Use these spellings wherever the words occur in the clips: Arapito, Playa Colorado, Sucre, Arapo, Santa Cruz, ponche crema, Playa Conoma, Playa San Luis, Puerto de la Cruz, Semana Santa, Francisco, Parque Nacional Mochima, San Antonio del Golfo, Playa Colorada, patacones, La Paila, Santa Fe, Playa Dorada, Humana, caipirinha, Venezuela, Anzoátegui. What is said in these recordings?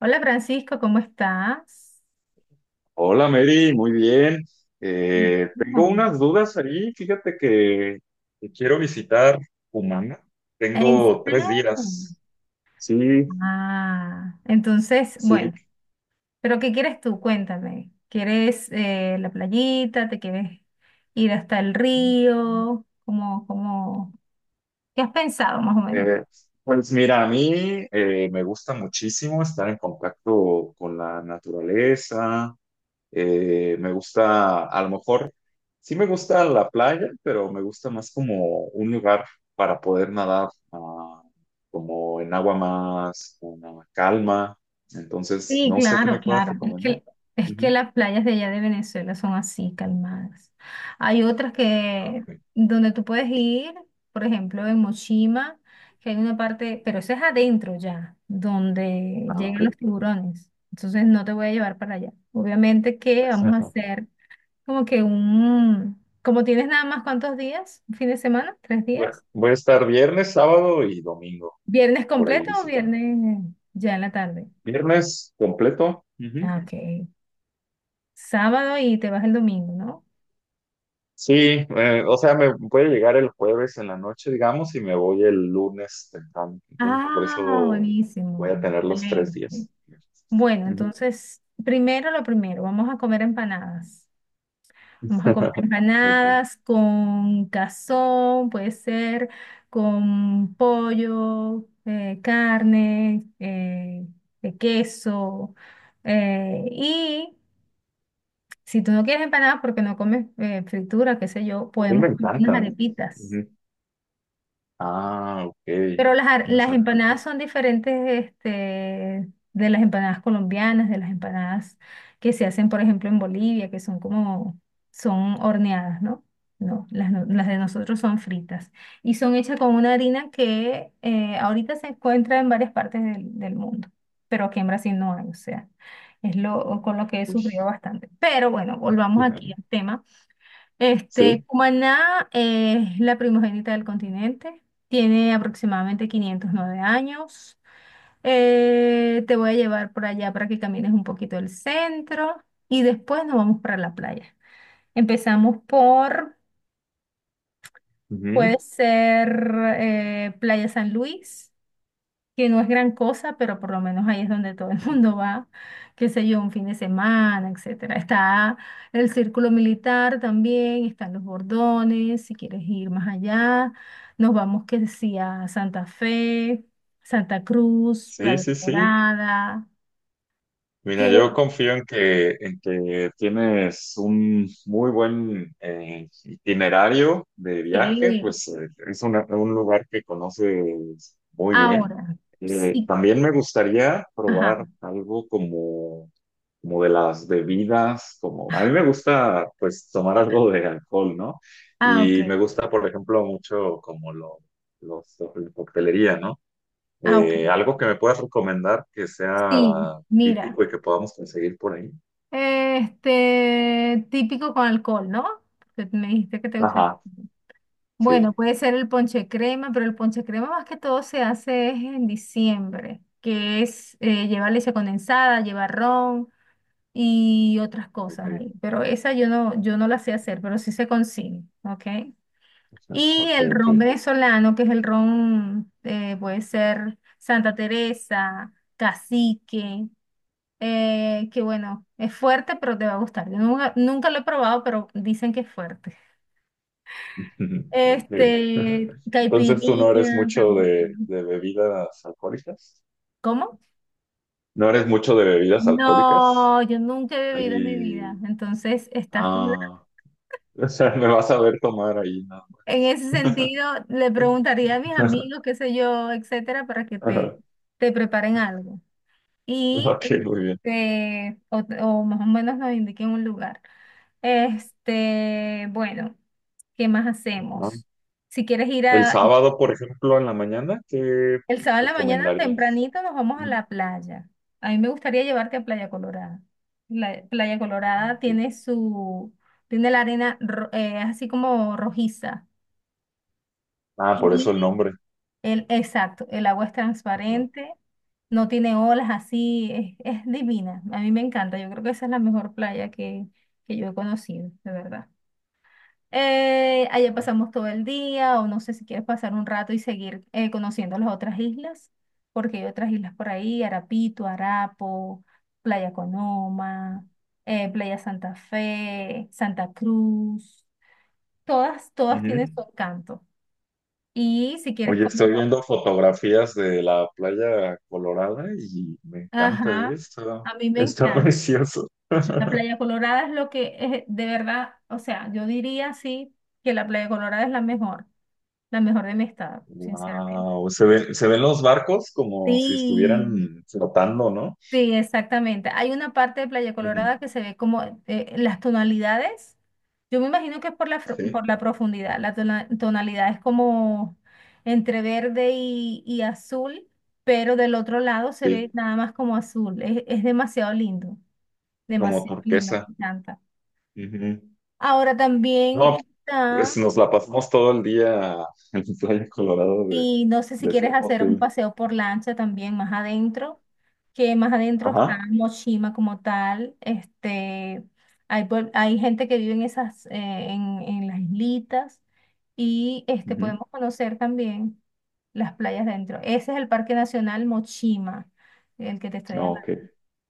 Hola Francisco, ¿cómo estás? Hola Mary, muy bien. Tengo No. unas dudas ahí. Fíjate que quiero visitar Humana. ¿En Tengo serio? tres días. Sí, Ah, entonces, sí. bueno, pero ¿qué quieres tú? Cuéntame. ¿Quieres la playita? ¿Te quieres ir hasta el río? ¿Cómo? ¿Qué has pensado más o menos? Eh, pues mira, a mí me gusta muchísimo estar en contacto con la naturaleza. Me gusta, a lo mejor, sí me gusta la playa, pero me gusta más como un lugar para poder nadar, como en agua más una calma. Entonces, Sí, no sé qué claro, me puedas claro. Es recomendar. que, es que Ujú. las playas de allá de Venezuela son así, calmadas. Hay otras Ah, que ok. donde tú puedes ir, por ejemplo, en Mochima, que hay una parte, pero eso es adentro ya, donde Ah, ok. llegan los tiburones. Entonces no te voy a llevar para allá. Obviamente que vamos a Exacto. hacer como que un, como tienes nada más cuántos días, un fin de semana, tres Bueno, días, voy a estar viernes, sábado y domingo viernes por ahí completo o visitando. viernes ya en la tarde. Viernes completo. Ujú. Ah, ok. Sábado y te vas el domingo, ¿no? Sí, o sea, me puede llegar el jueves en la noche, digamos, y me voy el lunes temprano. Entonces, por Ah, eso voy buenísimo. a tener los tres Excelente. días. Bueno, Ujú. entonces, primero lo primero, vamos a comer empanadas. Vamos a comer Ok. empanadas con cazón, puede ser con pollo, carne, de queso. Y si tú no quieres empanadas porque no comes fritura, qué sé yo, A mí me podemos comer unas encantan, ¿eh? arepitas. Ujú. Ah, ok. Pero las, ar- Unas las arrolitas. empanadas son diferentes, de las empanadas colombianas, de las empanadas que se hacen, por ejemplo, en Bolivia, que son como, son horneadas, ¿no? No, las de nosotros son fritas y son hechas con una harina que ahorita se encuentra en varias partes del mundo, pero aquí en Brasil no hay, o sea, es lo con lo que he Uy. sufrido bastante. Pero bueno, volvamos aquí al tema. Sí. Cumaná es la primogénita del continente, tiene aproximadamente 509 años. Te voy a llevar por allá para que camines un poquito el centro y después nos vamos para la playa. Empezamos por, Ujú. puede ser Playa San Luis, que no es gran cosa, pero por lo menos ahí es donde todo el mundo va, qué sé yo, un fin de semana, etcétera. Está el círculo militar también, están los bordones, si quieres ir más allá, nos vamos que decía Santa Fe, Santa Cruz, Sí, Playa sí, sí. Dorada. Mira, ¿Quieres yo confío en que tienes un muy buen itinerario de viaje, que pues es un lugar que conoces muy bien. ahora? Sí, También me gustaría probar ajá. algo como, como de las bebidas, como a mí me gusta pues tomar algo de alcohol, ¿no? Ah, Y me ok. gusta, por ejemplo, mucho la coctelería, ¿no? Ah, ok. Algo que me puedas recomendar que Sí, sea mira. típico y que podamos conseguir por ahí. Típico con alcohol, ¿no? Porque me dijiste que te gusta el Ajá, alcohol. Bueno, sí, puede ser el ponche crema, pero el ponche crema más que todo se hace es en diciembre, que es lleva leche condensada, lleva ron y otras ok. cosas ahí. Pero esa yo no la sé hacer, pero sí se consigue, ¿ok? Y Ok, el ok. ron venezolano, que es el ron, puede ser Santa Teresa, Cacique, que bueno, es fuerte, pero te va a gustar. Yo nunca, nunca lo he probado, pero dicen que es fuerte. Ok. Entonces tú no eres Caipirinha mucho también. de bebidas alcohólicas. ¿Cómo? No eres mucho de bebidas alcohólicas. No, yo nunca he bebido en mi vida. Y, Entonces, estás con- ah, o sea, me vas a ver tomar ahí nada En más. ese sentido, le preguntaría a mis amigos, qué sé yo, etcétera, para que te, Ajá. te preparen algo. Y Ok, muy bien. O más o menos nos indiquen un lugar. Bueno, ¿qué más Ajá. hacemos? Si quieres ir El a, sábado, por ejemplo, en la mañana, ¿qué el sábado en la mañana recomendarías? tempranito nos vamos a Ujú. la playa. A mí me gustaría llevarte a Playa Colorada. La Playa Ah, Colorada ok. tiene la arena así como rojiza. Ah, por eso el Y nombre. el, exacto, el agua es Ujú. transparente, no tiene olas así, es divina. A mí me encanta, yo creo que esa es la mejor playa que yo he conocido, de verdad. Allá pasamos todo el día, o no sé si quieres pasar un rato y seguir conociendo las otras islas, porque hay otras islas por ahí, Arapito, Arapo, Playa Conoma, Playa Santa Fe, Santa Cruz, todas tienen Ujú. su encanto. Y si quieres Oye, comer, estoy viendo fotografías de la playa Colorada y me encanta ajá, esto. a mí me Está encanta. precioso. La Playa Colorada es lo que es, de verdad, o sea, yo diría sí que la Playa Colorada es la mejor de mi estado, sinceramente. Wow, se ven los barcos como si Sí. estuvieran flotando, ¿no? Sí, exactamente. Hay una parte de Playa Ujú. Colorada que se ve como las tonalidades. Yo me imagino que es por la, fro- Sí, por la profundidad. La tonalidad es como entre verde y azul, pero del otro lado se ve sí, nada más como azul. Es como demasiado lindo, turquesa. me encanta. Ujú. Ahora también No, está. pues nos la pasamos todo el día en la playa Colorado Y no sé si de quieres ser hacer un posible. paseo por lancha también más adentro, que más adentro está Ajá. Moshima como tal. Hay gente que vive en esas, en, las islitas y Ujú. podemos conocer también las playas dentro. Ese es el Parque Nacional Mochima, el que te estoy No, hablando ok.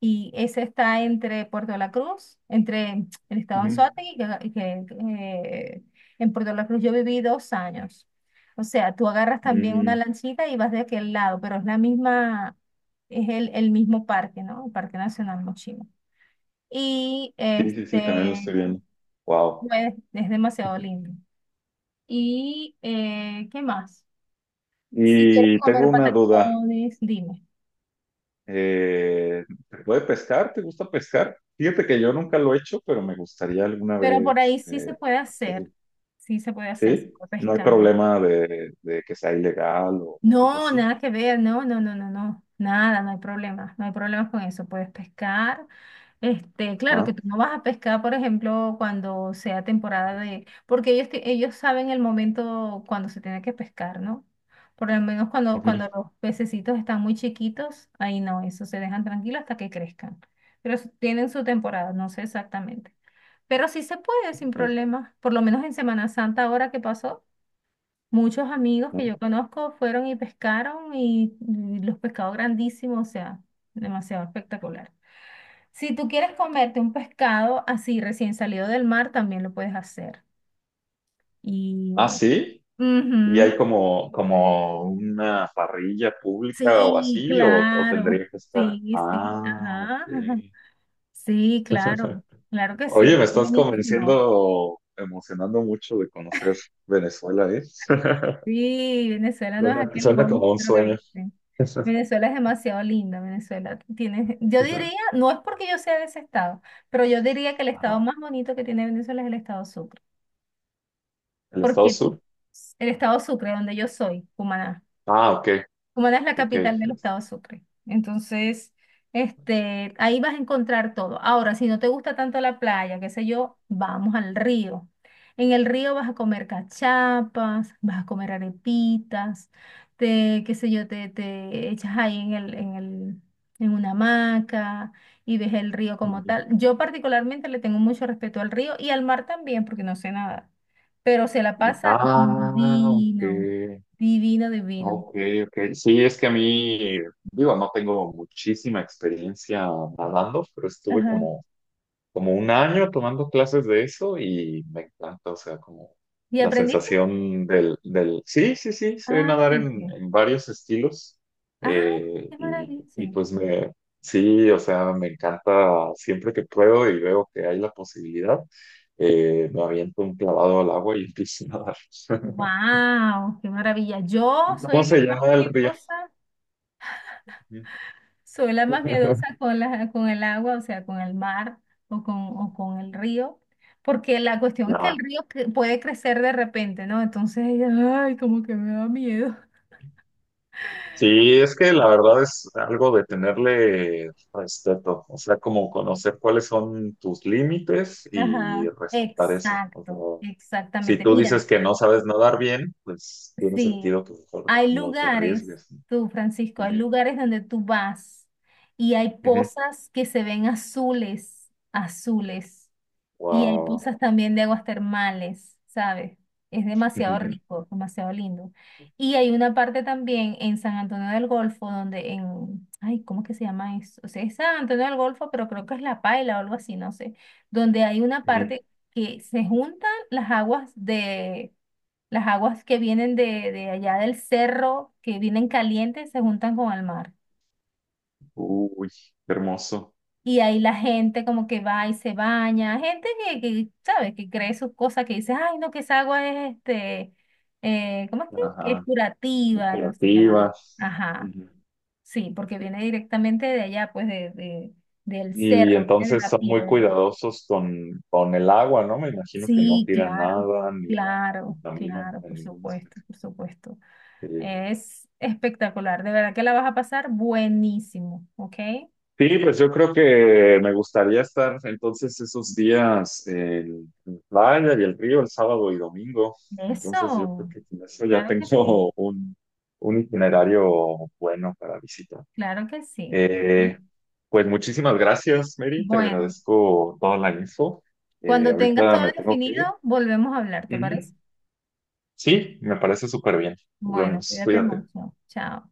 y ese está entre Puerto de la Cruz, entre el estado Anzoátegui, en Puerto de la Cruz yo viví 2 años. O sea, tú agarras también una Ujú. lanchita y vas de aquel lado, pero es la misma, es el mismo parque, ¿no? El Parque Nacional Mochima. Y Sí, sí, sí, también lo estoy viendo. Wow. pues, es demasiado lindo. ¿Y qué más? Si quieres Y tengo comer una duda. patacones, dime. Eh, ¿Te puede pescar? ¿Te gusta pescar? Fíjate que yo nunca lo he hecho, pero me gustaría alguna Pero por ahí vez sí se puede hacerlo. hacer, sí se puede hacer, se ¿Sí? puede No hay pescar. problema de que sea ilegal o algo No, así. nada que ver, no, no, no, no, no, nada, no hay problema, no hay problemas con eso, puedes pescar. Claro que Ah, tú no vas a pescar, por ejemplo, cuando sea temporada de, porque ellos saben el momento cuando se tiene que pescar, ¿no? Por lo menos cuando ujú. los pececitos están muy chiquitos, ahí no, eso se dejan tranquilos hasta que crezcan. Pero tienen su temporada, no sé exactamente. Pero sí se puede sin Ok, problema, por lo menos en Semana Santa ahora que pasó. Muchos amigos que ¿no? yo conozco fueron y pescaron y los pescados grandísimos, o sea, demasiado espectacular. Si tú quieres comerte un pescado así recién salido del mar, también lo puedes hacer. Y Ah, bueno, sí. ¿Y hay ujú. como, como una parrilla pública o Sí, así? O claro, tendría que estar? sí, sí, Ah, ok. ajá, ajá. Sí, claro, claro que Oye, sí, me estás buenísimo. convenciendo, emocionando mucho de conocer Venezuela, ¿eh? Sí, Venezuela no es Suena, aquel suena como un monstruo que sueño. dicen. Venezuela es demasiado linda, Venezuela tiene, yo diría, no es porque yo sea de ese estado, pero yo diría que el estado Ajá. más bonito que tiene Venezuela es el estado Sucre, ¿El estado porque sur? el estado Sucre, donde yo soy, Cumaná. Ah, ok, Cumaná es la ok. capital del estado Sucre. Entonces, ahí vas a encontrar todo. Ahora, si no te gusta tanto la playa, qué sé yo, vamos al río. En el río vas a comer cachapas, vas a comer arepitas, te, qué sé yo, te echas ahí en en una hamaca y ves el río como Ujú. tal. Yo particularmente le tengo mucho respeto al río y al mar también, porque no sé nada, pero se la pasa Ah, divino, ok, divino, divino. ok, ok. Sí, es que a mí, digo, no tengo muchísima experiencia nadando, pero estuve Ajá. como un año tomando clases de eso y me encanta, o sea, como ¿Y la aprendiste? sensación del Sí, sí, sí, sé Ah, nadar ok. en varios estilos Ah, qué y maravilla. pues me... Sí, o sea, me encanta siempre que pruebo y veo que hay la posibilidad, me aviento un clavado al agua y empiezo a nadar. Wow, qué maravilla. Yo ¿Cómo soy la se más llama el río? miedosa, soy la más miedosa con el agua, o sea, con el mar o con el río, porque la cuestión es que el No. río puede crecer de repente, ¿no? Entonces, ay, como que me da miedo. Sí, es que la verdad es algo de tenerle respeto, o sea, como conocer cuáles son tus límites y Ajá, respetar eso. O exacto, sea, si exactamente. tú Mira. dices que no sabes nadar bien, pues tiene Sí, sentido que mejor hay no te lugares, arriesgues. tú Francisco, hay Ujú, lugares donde tú vas y hay ujú. pozas que se ven azules, azules, y hay Wow. pozas también de aguas termales, ¿sabes? Es demasiado Ujú. rico, demasiado lindo. Y hay una parte también en San Antonio del Golfo donde en, ay, ¿cómo es que se llama eso? O sea, es San Antonio del Golfo, pero creo que es La Paila o algo así, no sé, donde hay una parte que se juntan las aguas de las aguas que vienen de allá del cerro, que vienen calientes, se juntan con el mar. Uy, qué hermoso. Y ahí la gente como que va y se baña, gente que ¿sabes? Que cree sus cosas, que dice, ay, no, que esa agua es, ¿cómo es que? Que es Ajá, muy. curativa, y no sé qué más. Ajá, sí, porque viene directamente de allá, pues, del Y cerro, viene de entonces la son muy piedra. cuidadosos con el agua, ¿no? Me imagino que no Sí, tiran claro, nada ni la claro, contaminan claro, en por ningún supuesto, aspecto. por supuesto. Sí. Es espectacular, de verdad que la vas a pasar buenísimo, ¿ok? Sí, pues yo creo que me gustaría estar entonces esos días en playa y el río el sábado y domingo. Entonces yo creo Eso, que con eso ya claro que sí, tengo un itinerario bueno para visitar. claro que sí. ¿Sí? Eh, pues muchísimas gracias, Mary. Te Bueno, agradezco toda la info. Cuando tengas Ahorita todo me tengo que definido, ir. volvemos a hablar, ¿te parece? Ujú. Sí, me parece súper bien. Nos Bueno, vemos, cuídate cuídate. mucho, chao.